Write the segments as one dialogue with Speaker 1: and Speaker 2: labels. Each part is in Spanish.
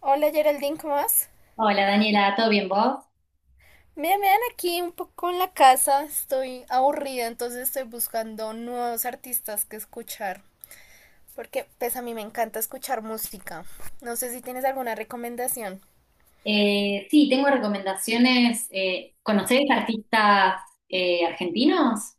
Speaker 1: Hola Geraldine, ¿cómo vas?
Speaker 2: Hola Daniela, ¿todo bien vos?
Speaker 1: Mira, me dan aquí un poco en la casa, estoy aburrida, entonces estoy buscando nuevos artistas que escuchar, porque pues a mí me encanta escuchar música. No sé si tienes alguna recomendación.
Speaker 2: Sí, tengo recomendaciones. ¿Conocés artistas argentinos?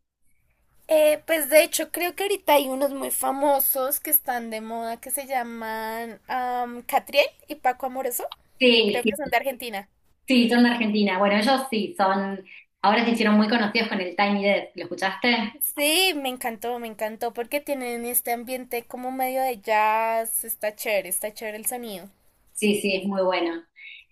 Speaker 1: Pues de hecho creo que ahorita hay unos muy famosos que están de moda que se llaman Catriel y Paco Amoroso.
Speaker 2: Sí,
Speaker 1: Creo que
Speaker 2: sí,
Speaker 1: son de Argentina.
Speaker 2: sí, son de Argentina. Bueno, ellos sí, son, ahora se hicieron muy conocidos con el Tiny Desk, ¿lo escuchaste?
Speaker 1: Sí, me encantó porque tienen este ambiente como medio de jazz, está chévere el sonido.
Speaker 2: Sí, sí, es muy bueno.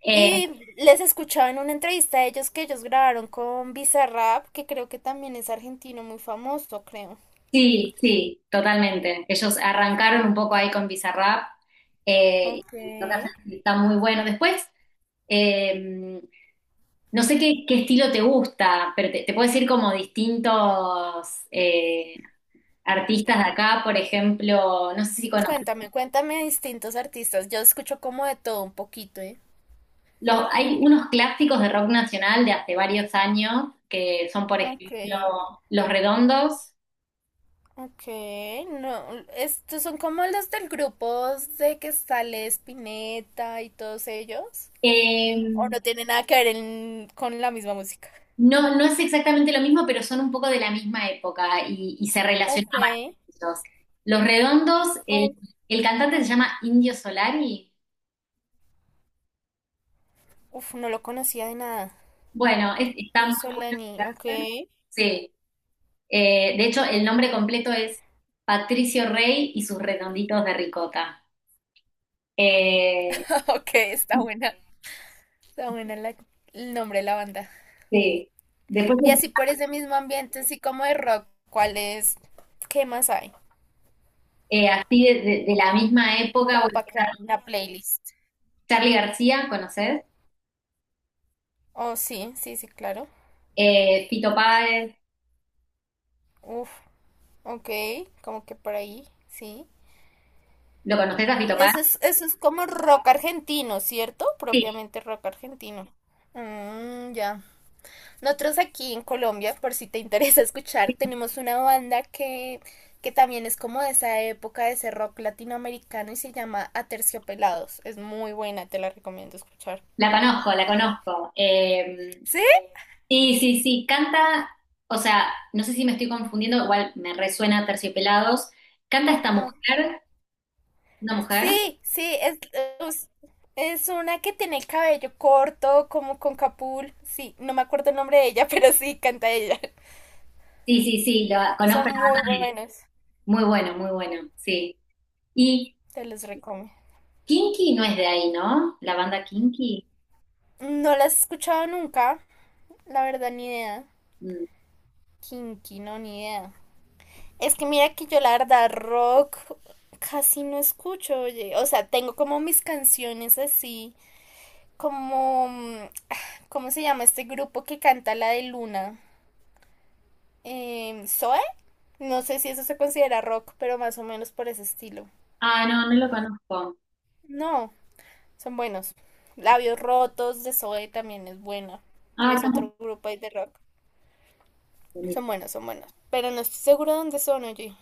Speaker 2: Eh,
Speaker 1: Y les escuchaba en una entrevista a ellos que ellos grabaron con Bizarrap, que creo que también es argentino muy famoso, creo.
Speaker 2: sí, sí, totalmente. Ellos arrancaron un poco ahí con Bizarrap y lo que
Speaker 1: Ok.
Speaker 2: hacen está muy bueno. Eh, No sé qué estilo te gusta, pero te puedo decir como distintos eh, artistas de acá, por ejemplo, no sé si conoces,
Speaker 1: Cuéntame, cuéntame de distintos artistas. Yo escucho como de todo un poquito, ¿eh?
Speaker 2: hay unos clásicos de rock nacional de hace varios años, que son, por
Speaker 1: Ok,
Speaker 2: ejemplo, Los Redondos.
Speaker 1: ok, no, estos son como los del grupo de que sale Spinetta y todos ellos, o
Speaker 2: Eh,
Speaker 1: no tiene nada que ver con la misma música.
Speaker 2: no, no es exactamente lo mismo, pero son un poco de la misma época y se
Speaker 1: Ok,
Speaker 2: relacionaban ellos. Los Redondos,
Speaker 1: oh,
Speaker 2: el cantante se llama Indio Solari.
Speaker 1: uf, no lo conocía de nada.
Speaker 2: Bueno, está
Speaker 1: Yo
Speaker 2: muy bueno.
Speaker 1: Solani, ok.
Speaker 2: Sí. De hecho, el nombre completo es Patricio Rey y sus redonditos de ricota. Eh,
Speaker 1: Ok, está buena. Está buena el nombre de la banda.
Speaker 2: sí. Después,
Speaker 1: Y así por ese mismo ambiente, así como de rock, ¿cuál es? ¿Qué más hay?
Speaker 2: así de la misma época,
Speaker 1: Como
Speaker 2: bueno,
Speaker 1: para crear una playlist.
Speaker 2: Charly García, ¿conoces?
Speaker 1: Oh, sí, sí, sí, claro.
Speaker 2: Fito Páez,
Speaker 1: Uf, ok, como que por ahí, sí.
Speaker 2: ¿lo conoces a Fito Páez?
Speaker 1: Eso es como rock argentino, ¿cierto?
Speaker 2: Sí,
Speaker 1: Propiamente rock argentino. Mm, ya. Nosotros aquí en Colombia, por si te interesa escuchar, tenemos una banda que también es como de esa época, de ese rock latinoamericano y se llama Aterciopelados. Es muy buena, te la recomiendo escuchar.
Speaker 2: la conozco, la conozco.
Speaker 1: ¿Sí?
Speaker 2: Sí, sí, sí, canta, o sea, no sé si me estoy confundiendo, igual me resuena Terciopelados. Canta esta
Speaker 1: Ah,
Speaker 2: mujer, una mujer.
Speaker 1: sí, sí, es, es una que tiene el cabello corto, como con capul. Sí, no me acuerdo el nombre de ella, pero sí, canta ella.
Speaker 2: Sí, sí, sí, lo
Speaker 1: Son
Speaker 2: conozco,
Speaker 1: muy buenos,
Speaker 2: muy bueno, muy bueno, sí. Y
Speaker 1: te los recomiendo.
Speaker 2: Kinky no es de ahí, ¿no? La banda Kinky.
Speaker 1: No las he escuchado nunca, la verdad, ni idea.
Speaker 2: Mm.
Speaker 1: Kinky, no, ni idea. Es que mira que yo la verdad rock casi no escucho, oye. O sea, tengo como mis canciones así, como, ¿cómo se llama este grupo que canta la de Luna? ¿Zoe? No sé si eso se considera rock, pero más o menos por ese estilo.
Speaker 2: Ah, no, no lo conozco.
Speaker 1: No, son buenos. Labios Rotos de Zoe también es buena.
Speaker 2: Ah,
Speaker 1: Es
Speaker 2: tampoco.
Speaker 1: otro grupo ahí de rock. Son buenos, son buenos. Pero no estoy seguro de dónde son, oye.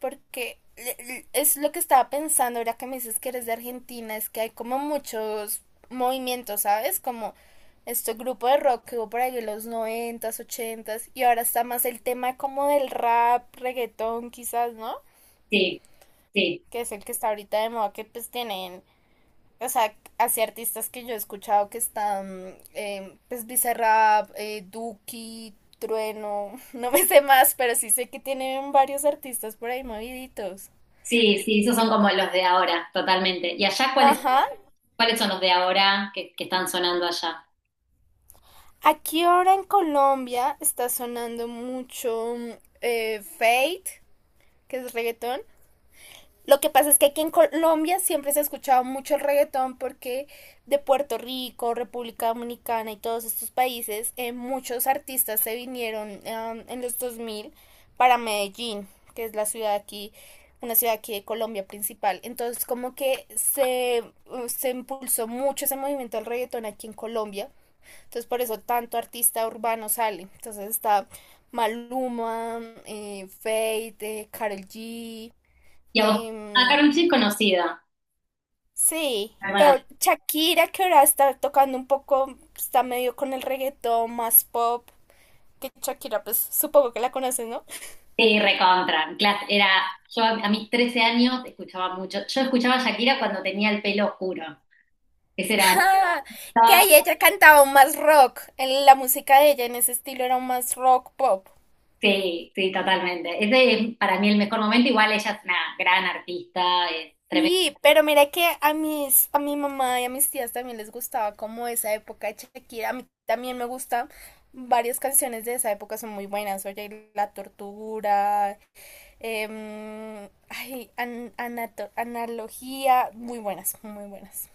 Speaker 1: Porque es lo que estaba pensando ahora que me dices que eres de Argentina, es que hay como muchos movimientos, ¿sabes? Como este grupo de rock que hubo por ahí en los noventas, ochentas, y ahora está más el tema como del rap, reggaetón quizás, ¿no?
Speaker 2: Sí, sí,
Speaker 1: Que es el que está ahorita de moda, que pues tienen, o sea, así artistas que yo he escuchado que están, pues Bizarrap, Duki, Trueno, no me sé más, pero sí sé que tienen varios artistas por ahí moviditos.
Speaker 2: sí, sí, esos son como los de ahora, totalmente. ¿Y allá cuáles,
Speaker 1: Ajá,
Speaker 2: cuáles son los de ahora que están sonando allá?
Speaker 1: aquí ahora en Colombia está sonando mucho Fate, que es reggaetón. Lo que pasa es que aquí en Colombia siempre se ha escuchado mucho el reggaetón porque de Puerto Rico, República Dominicana y todos estos países, muchos artistas se vinieron en los 2000 para Medellín, que es la ciudad aquí, una ciudad aquí de Colombia principal. Entonces como que se impulsó mucho ese movimiento del reggaetón aquí en Colombia, entonces por eso tanto artista urbano sale. Entonces está Maluma, Fate, Karol G.
Speaker 2: Y a vos, ah,
Speaker 1: em,
Speaker 2: Karol G es conocida,
Speaker 1: sí,
Speaker 2: hermana.
Speaker 1: Shakira que ahora está tocando un poco, está medio con el reggaetón más pop. Que Shakira, pues supongo que la conoces, ¿no?
Speaker 2: Sí, recontra. Clas- Era, yo a mis 13 años escuchaba mucho. Yo escuchaba a Shakira cuando tenía el pelo oscuro. Ese era.
Speaker 1: Ah, que ahí ella cantaba más rock. En la música de ella en ese estilo era más rock pop.
Speaker 2: Sí, sí, totalmente. Ese es para mí el mejor momento. Igual ella es una gran artista, es tremenda.
Speaker 1: Sí, pero mira que a mis, a mi mamá y a mis tías también les gustaba como esa época de Shakira. A mí también me gusta. Varias canciones de esa época son muy buenas. Oye, La Tortura, ay, Analogía, muy buenas, muy buenas.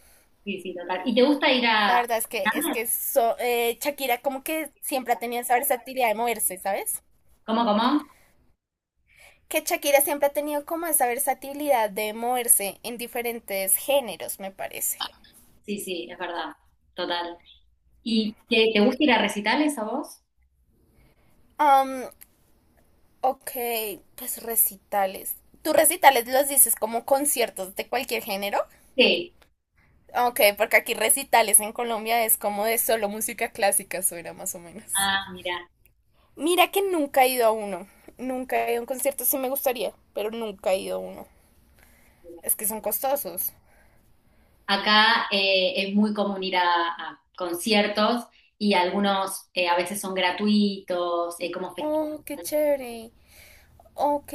Speaker 2: Sí, sí, total. ¿Y te gusta ir
Speaker 1: La
Speaker 2: a...
Speaker 1: verdad es que Shakira como que siempre ha tenido esa versatilidad de moverse, ¿sabes?
Speaker 2: ¿Cómo, cómo?
Speaker 1: Que Shakira siempre ha tenido como esa versatilidad de moverse en diferentes géneros, me parece.
Speaker 2: Sí, sí, es verdad. Total. ¿Y te gusta ir a recitales a vos?
Speaker 1: Um, Ok, pues recitales. ¿Tú recitales los dices como conciertos de cualquier género?
Speaker 2: Sí.
Speaker 1: Ok, porque aquí recitales en Colombia es como de solo música clásica, suena más o menos.
Speaker 2: Ah, mira.
Speaker 1: Mira que nunca he ido a uno. Nunca he ido a un concierto, sí me gustaría, pero nunca he ido a uno. Es que son costosos.
Speaker 2: Acá es muy común ir a conciertos y algunos a veces son gratuitos, como festivales.
Speaker 1: Oh, qué chévere. Ok.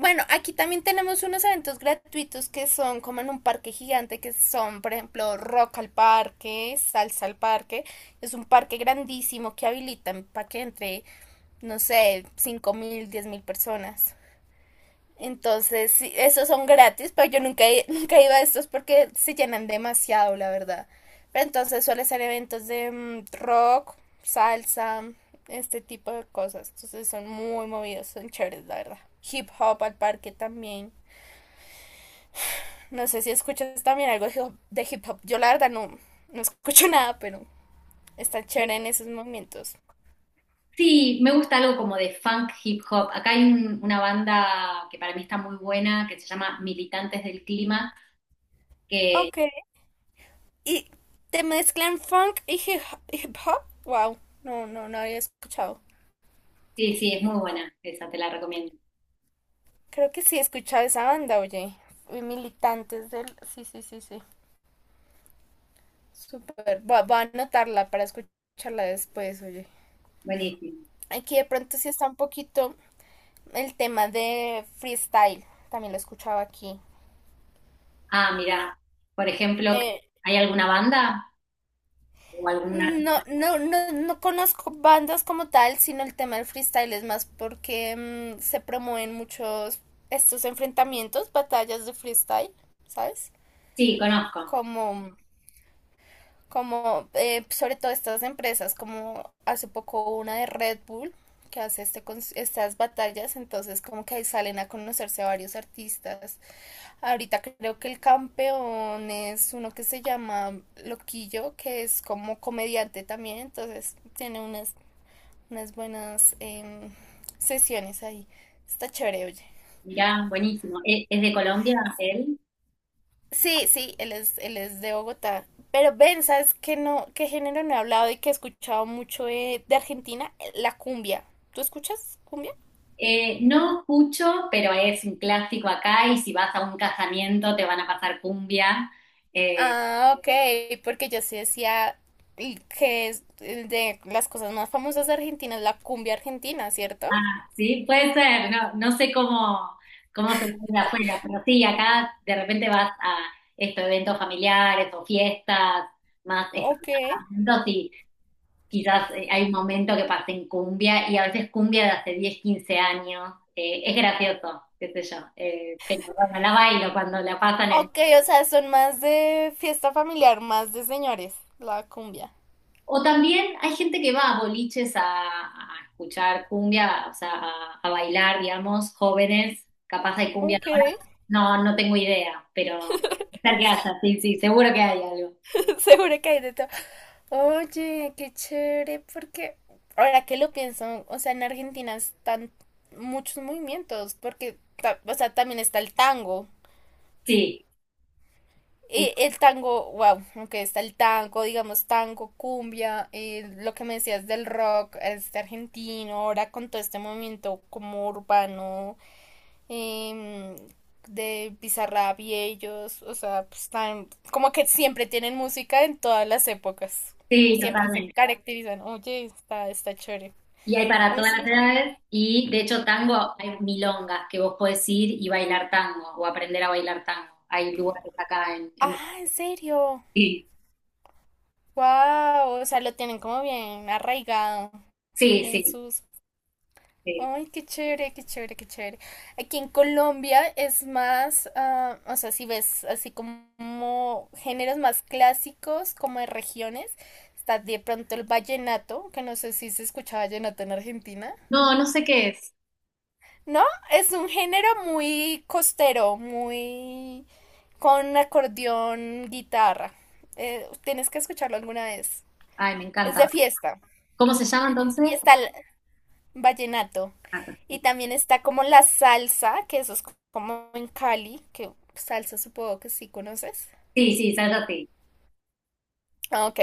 Speaker 1: Bueno, aquí también tenemos unos eventos gratuitos que son como en un parque gigante, que son, por ejemplo, Rock al Parque, Salsa al Parque. Es un parque grandísimo que habilitan para que entre, no sé, 5000, 10 000 personas. Entonces, sí, esos son gratis, pero yo nunca, nunca iba a estos porque se llenan demasiado, la verdad. Pero entonces suele ser eventos de rock, salsa, este tipo de cosas. Entonces son muy movidos, son chéveres, la verdad. Hip hop al parque también. No sé si escuchas también algo de hip hop. Yo la verdad no, no escucho nada, pero está chévere en esos momentos.
Speaker 2: Sí, me gusta algo como de funk hip hop. Acá hay una banda que para mí está muy buena, que se llama Militantes del Clima, que
Speaker 1: Ok. ¿Y te mezclan funk y hip hop? Wow, no, no, no había escuchado.
Speaker 2: sí, sí, es muy buena, esa te la recomiendo.
Speaker 1: Creo que sí he escuchado esa banda, oye. Y Militantes del... Sí, sí, sí, sí. Súper. Voy a, voy a anotarla para escucharla después, oye.
Speaker 2: Buenísimo.
Speaker 1: Aquí de pronto sí está un poquito el tema de freestyle. También lo he escuchado aquí.
Speaker 2: Ah, mirá, por ejemplo,
Speaker 1: Eh,
Speaker 2: ¿hay alguna banda o alguna?
Speaker 1: no, no, no, no conozco bandas como tal, sino el tema del freestyle es más porque se promueven muchos estos enfrentamientos, batallas de freestyle, ¿sabes?
Speaker 2: Sí, conozco.
Speaker 1: Como como sobre todo estas empresas, como hace poco una de Red Bull que hace este, estas batallas, entonces como que ahí salen a conocerse a varios artistas. Ahorita creo que el campeón es uno que se llama Loquillo, que es como comediante también, entonces tiene unas, unas buenas sesiones ahí. Está chévere, oye.
Speaker 2: Mirá, buenísimo. ¿E- ¿Es, de Colombia él?
Speaker 1: Sí, sí, él es de Bogotá. Pero ven, ¿sabes qué no, qué género no he hablado y que he escuchado mucho de, Argentina? La cumbia. ¿Tú escuchas cumbia?
Speaker 2: No escucho, pero es un clásico acá y si vas a un casamiento te van a pasar cumbia. Eh,
Speaker 1: Ah, ok, porque yo sí decía y que es el de las cosas más famosas de Argentina es la cumbia argentina, ¿cierto?
Speaker 2: Sí, puede ser, no, no sé cómo, cómo se de afuera, pero sí, acá de repente vas a estos eventos familiares o fiestas, más estos
Speaker 1: Ok.
Speaker 2: y quizás hay un momento que pasa en cumbia y a veces cumbia de hace 10 15 años, es gracioso, qué sé yo, pero bueno, la bailo cuando la pasan.
Speaker 1: Ok, o sea, son más de fiesta familiar, más de señores, la cumbia.
Speaker 2: O también hay gente que va a boliches a escuchar cumbia, o sea, a bailar, digamos, jóvenes, capaz hay cumbia
Speaker 1: Ok.
Speaker 2: ahora. No, no tengo idea, pero tal que haya, sí, sí, seguro que hay algo.
Speaker 1: Seguro que hay de todo. Oye, qué chévere, porque ahora que lo pienso, o sea, en Argentina están muchos movimientos, porque, o sea, también está el tango.
Speaker 2: Sí, sí,
Speaker 1: Y el tango, wow, aunque está el tango, digamos, tango, cumbia, lo que me decías del rock, este argentino, ahora con todo este movimiento como urbano em, de Bizarrap y ellos, o sea, pues como que siempre tienen música en todas las épocas,
Speaker 2: sí,
Speaker 1: siempre se
Speaker 2: totalmente.
Speaker 1: caracterizan, oye, está, está chévere.
Speaker 2: Y hay para
Speaker 1: A mí
Speaker 2: todas las
Speaker 1: sí.
Speaker 2: edades, y de hecho tango, hay milongas que vos podés ir y bailar tango, o aprender a bailar tango. Hay lugares acá
Speaker 1: Ah,
Speaker 2: en...
Speaker 1: en serio,
Speaker 2: Sí,
Speaker 1: wow, o sea, lo tienen como bien arraigado
Speaker 2: sí,
Speaker 1: en
Speaker 2: sí,
Speaker 1: sus...
Speaker 2: sí.
Speaker 1: Ay, qué chévere, qué chévere, qué chévere. Aquí en Colombia es más, ah, o sea, si ves así como géneros más clásicos, como de regiones, está de pronto el vallenato, que no sé si se escucha vallenato en Argentina.
Speaker 2: No, no sé qué es.
Speaker 1: No, es un género muy costero, muy con acordeón, guitarra. Tienes que escucharlo alguna vez.
Speaker 2: Ay, me
Speaker 1: Es
Speaker 2: encanta.
Speaker 1: de fiesta.
Speaker 2: ¿Cómo se llama
Speaker 1: Y
Speaker 2: entonces?
Speaker 1: está, vallenato. Y también está como la salsa, que eso es como en Cali, que salsa supongo que sí conoces.
Speaker 2: Sí, sí, Sálvate.
Speaker 1: Ah, ok.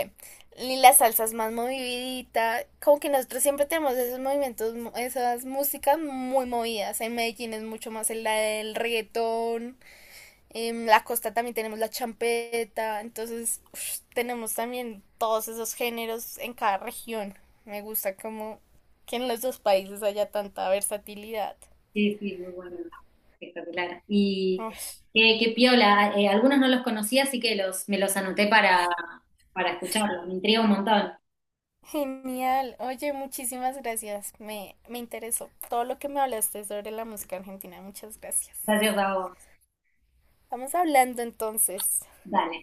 Speaker 1: Y la salsa es más movidita. Como que nosotros siempre tenemos esos movimientos, esas músicas muy movidas. En Medellín es mucho más el reggaetón. En la costa también tenemos la champeta. Entonces, ush, tenemos también todos esos géneros en cada región. Me gusta como que en los dos países haya tanta versatilidad.
Speaker 2: Sí, sí, muy bueno. Espectacular. Y
Speaker 1: Ay,
Speaker 2: qué, qué piola. Algunos no los conocía, así que me los anoté para escucharlos. Me intriga un montón.
Speaker 1: genial. Oye, muchísimas gracias. Me interesó todo lo que me hablaste sobre la música argentina. Muchas gracias.
Speaker 2: Gracias a vos.
Speaker 1: Estamos hablando entonces.
Speaker 2: Dale.